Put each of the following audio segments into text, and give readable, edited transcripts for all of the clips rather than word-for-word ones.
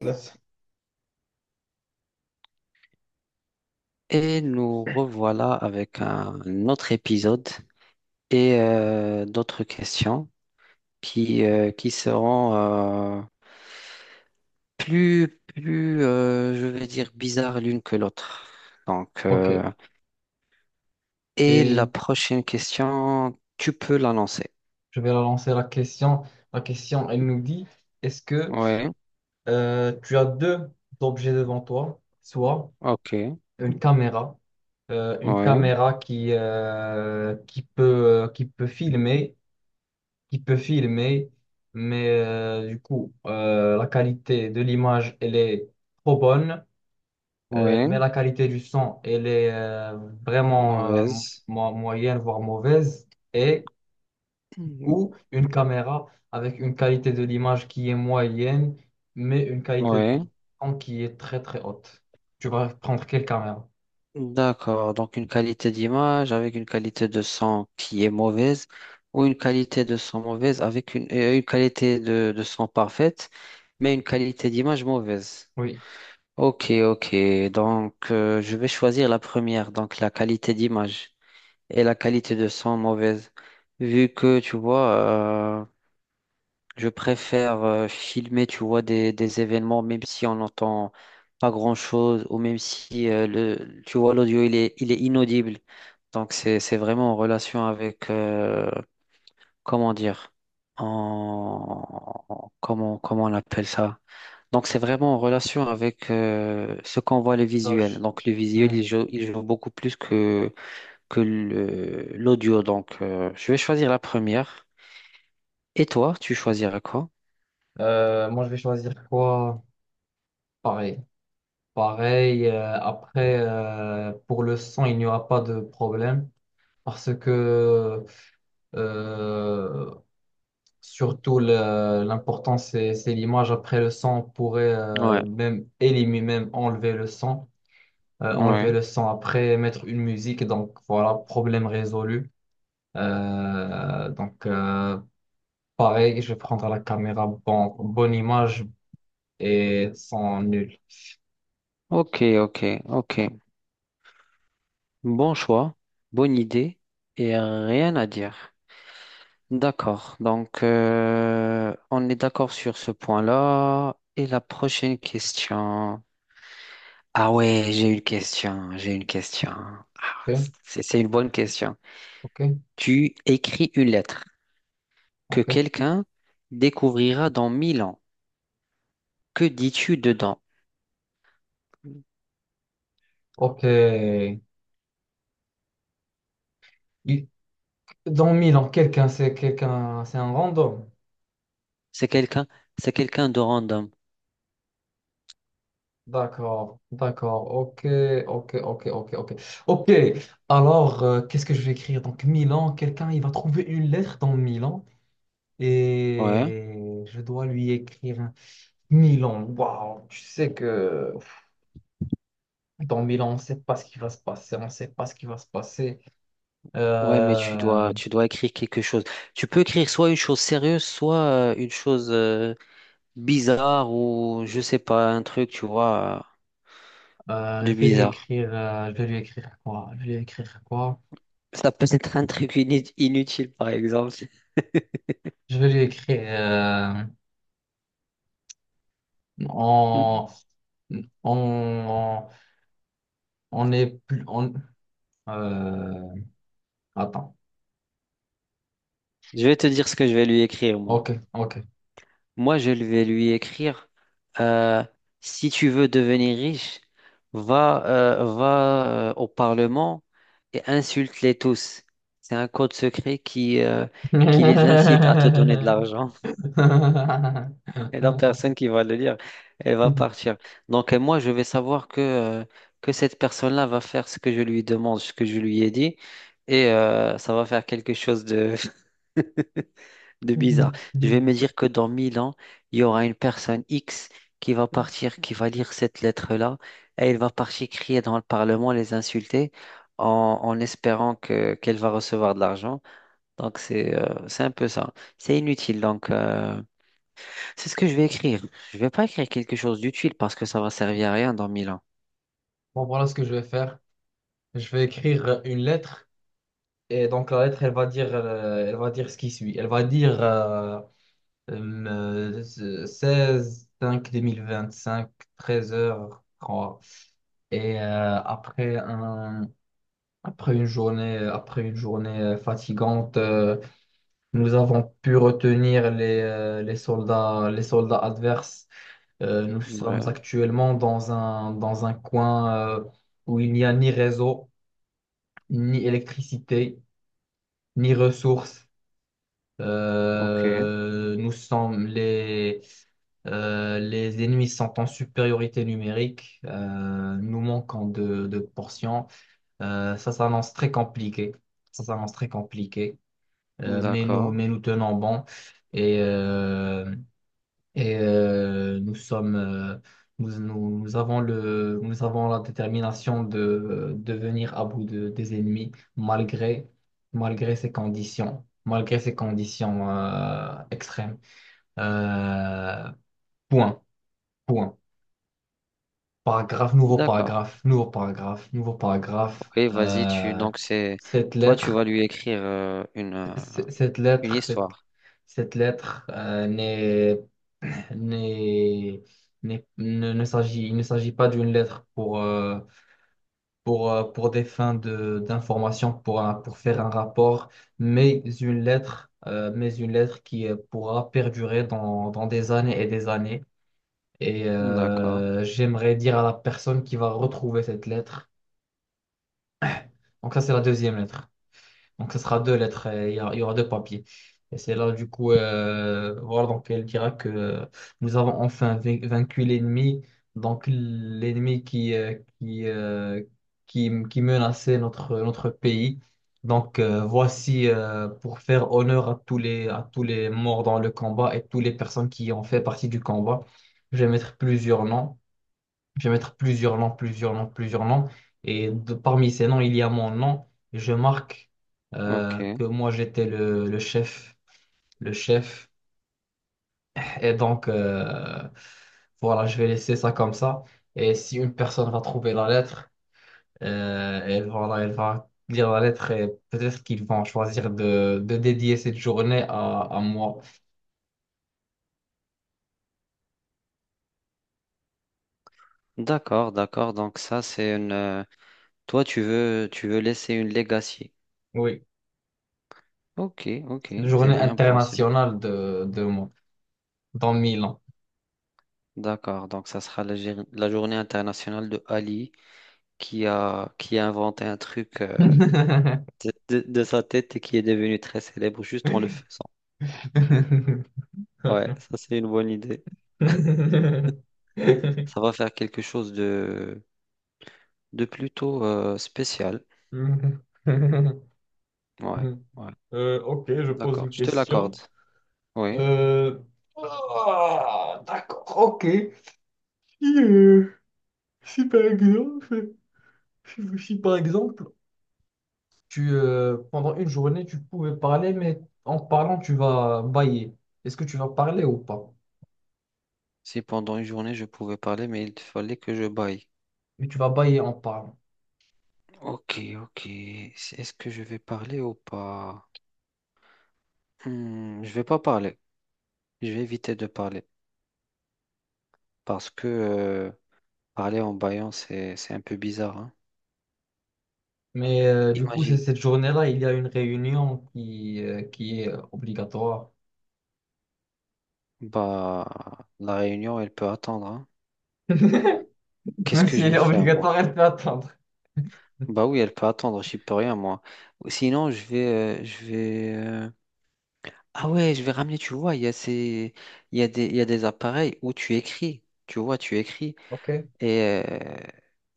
Vas. Et nous revoilà avec un autre épisode et d'autres questions qui seront plus, je vais dire, bizarres l'une que l'autre. Donc, Ok, euh, et la et prochaine question, tu peux la lancer. je vais la lancer la question. La question, elle nous dit, est-ce que Oui, tu as deux objets devant toi, soit ok, une caméra, une oui, caméra qui peut filmer, qui peut filmer, mais la qualité de l'image, elle est trop bonne, mais oui, la qualité du son, elle est vraiment mauvaise. Moyenne, voire mauvaise, et ou une caméra avec une qualité de l'image qui est moyenne, mais une qualité de Oui. son qui est très très haute. Tu vas prendre quelle caméra? D'accord, donc une qualité d'image avec une qualité de son qui est mauvaise, ou une qualité de son mauvaise avec une qualité de son parfaite, mais une qualité d'image mauvaise. Oui, Ok, ok, donc je vais choisir la première, donc la qualité d'image et la qualité de son mauvaise, vu que tu vois, euh, je préfère filmer, tu vois, des événements, même si on n'entend pas grand-chose, ou même si, le, tu vois, l'audio, il est inaudible. Donc, c'est vraiment en relation avec, comment dire, en, comment on appelle ça? Donc, c'est vraiment en relation avec ce qu'on voit, le ça, visuel. Donc, le visuel, hmm. il joue beaucoup plus que, l'audio. Donc, je vais choisir la première. Et toi, tu choisiras quoi? Moi je vais choisir quoi? Pareil. Pareil, après, pour le son, il n'y aura pas de problème parce que euh, surtout l'important c'est l'image. Après le son, on pourrait Ouais, même éliminer, même enlever le son. Enlever ouais. le son après, mettre une musique. Donc voilà, problème résolu. Donc pareil, je vais prendre la caméra, bonne image et son nul. Ok, ok, ok. Bon choix, bonne idée et rien à dire. D'accord, donc on est d'accord sur ce point-là. Et la prochaine question. Ah ouais, j'ai une question, j'ai une question. Ah, Ok, c'est une bonne question. ok, Tu écris une lettre que ok, quelqu'un découvrira dans mille ans. Que dis-tu dedans? ok. Il- Dans Milan, quelqu'un, c'est un random. C'est quelqu'un, c'est quelqu'un de random. D'accord, d'accord, ok, ok, ok, ok, ok. Ok, alors, qu'est-ce que je vais écrire? Donc, Milan, quelqu'un, il va trouver une lettre dans Milan Ouais. et je dois lui écrire. Milan, waouh, tu sais que dans Milan, on ne sait pas ce qui va se passer, on ne sait pas ce qui va se passer. Ouais, mais tu Euh, dois, tu dois écrire quelque chose. Tu peux écrire soit une chose sérieuse, soit une chose bizarre, ou je sais pas, un truc, tu vois, je de vais lui bizarre. écrire, je vais lui écrire quoi? Je vais lui écrire quoi? Ça peut être un truc inutile, par exemple. Je vais lui écrire on, on, on est plus, on, euh, attends, Je vais te dire ce que je vais lui écrire, moi. ok, ok. Moi, je vais lui écrire, euh, si tu veux devenir riche, va, va au Parlement et insulte-les tous. C'est un code secret qui les incite à te donner de l'argent. Et la personne qui va le lire, elle va partir. Donc, moi, je vais savoir que cette personne-là va faire ce que je lui demande, ce que je lui ai dit, et ça va faire quelque chose de, de bizarre. Je vais me dire que dans 1000 ans, il y aura une personne X qui va partir, qui va lire cette lettre-là, et elle va partir crier dans le Parlement, les insulter, en, en espérant que, qu'elle va recevoir de l'argent. Donc, c'est un peu ça. C'est inutile. Donc, c'est ce que je vais écrire. Je vais pas écrire quelque chose d'utile parce que ça va servir à rien dans mille ans. Bon, voilà ce que je vais faire. Je vais écrire une lettre. Et donc la lettre, elle va dire ce qui suit. Elle va dire euh, 16/05/2025 treize heures 3. Et après une journée, fatigante, nous avons pu retenir les, les soldats adverses. Nous sommes Ouais, actuellement dans un coin où il n'y a ni réseau, ni électricité, ni ressources. ok, Euh, nous sommes les, les ennemis sont en supériorité numérique. Nous manquons de portions. Ça s'annonce très compliqué. Ça s'annonce très compliqué. Mais nous, d'accord, mais nous tenons bon. Et euh, et nous sommes, nous, nous avons la détermination de venir à bout des ennemis malgré ces conditions extrêmes. Euh, point, point. Paragraphe, nouveau d'accord. paragraphe, nouveau paragraphe, nouveau paragraphe. Ok, vas-y, tu donc c'est Cette toi tu lettre vas lui écrire Cette une lettre, histoire. cette lettre n'est, n'est, n'est- ne, ne s'agit, il ne s'agit pas d'une lettre pour, pour des fins d'information, pour, pour faire un rapport, mais une lettre qui pourra perdurer dans, des années. Et D'accord, j'aimerais dire à la personne qui va retrouver cette lettre. Donc ça, c'est la deuxième lettre. Donc, ce sera deux lettres, et il y aura deux papiers. Et c'est là, voilà, donc elle dira que nous avons enfin vaincu l'ennemi, donc l'ennemi qui menaçait notre pays. Donc, voici, pour faire honneur à tous les morts dans le combat et toutes les personnes qui ont fait partie du combat, je vais mettre plusieurs noms. Je vais mettre plusieurs noms, plusieurs noms, plusieurs noms. Et parmi ces noms, il y a mon nom. Et je marque ok, que moi, j'étais le chef. Le chef. Et donc, voilà, je vais laisser ça comme ça. Et si une personne va trouver la lettre, elle, voilà, elle va lire la lettre et peut-être qu'ils vont choisir de dédier cette journée à moi. d'accord, d'accord. Donc ça c'est une toi, tu veux laisser une legacy. Oui, Ok, ok, c'est la c'est journée bien pensé. internationale de moi, dans 1000 ans. D'accord, donc ça sera la, la journée internationale de Ali qui a inventé un truc de sa tête et qui est devenu très célèbre juste en le faisant. Ouais, ça c'est une bonne idée. Mhm. Ça va faire quelque chose de plutôt spécial. Ouais, Mhm. ouais, Ok, je pose d'accord, une je te l'accorde. question. Oui, Euh, ah, d'accord, ok. Si, euh, si par exemple, si par exemple, tu, pendant une journée, tu pouvais parler, mais en parlant, tu vas bailler. Est-ce que tu vas parler ou pas? si pendant une journée je pouvais parler, mais il fallait que je baille. Mais tu vas bailler en parlant. Ok, ok, est-ce que je vais parler ou pas? Hmm, je vais pas parler. Je vais éviter de parler parce que parler en baillant, c'est un peu bizarre, hein. Mais c'est Imagine, cette journée-là, il y a une réunion qui est obligatoire. bah la réunion, elle peut attendre, hein. Qu'est-ce Même que si je elle vais est faire moi? obligatoire, elle peut attendre. Bah oui, elle peut attendre, j'y peux rien moi. Sinon, je vais ah ouais, je vais ramener, tu vois, il y a des appareils où tu écris. Tu vois, tu écris. Ok, Et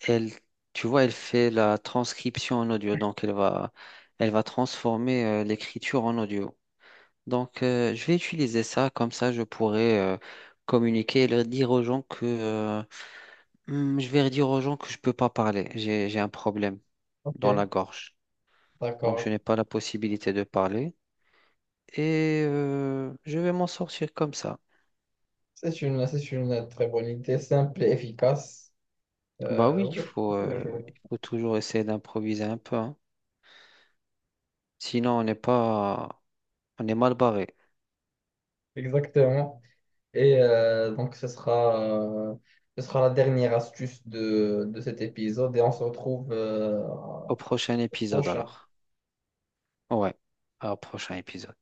elle, tu vois, elle fait la transcription en audio, donc elle va transformer l'écriture en audio. Donc, je vais utiliser ça, comme ça, je pourrai communiquer et leur dire aux gens que hmm, je vais dire aux gens que je peux pas parler, j'ai un problème dans la ok, gorge, donc je d'accord. n'ai pas la possibilité de parler et je vais m'en sortir comme ça. C'est une très bonne idée, simple et efficace. Bah oui, Oui, bien joué. il faut toujours essayer d'improviser un peu, hein. Sinon, on n'est pas, on est mal barré. Exactement. Et donc, euh, ce sera la dernière astuce de cet épisode et on se retrouve Au prochain épisode prochain. alors. Ouais, au prochain épisode.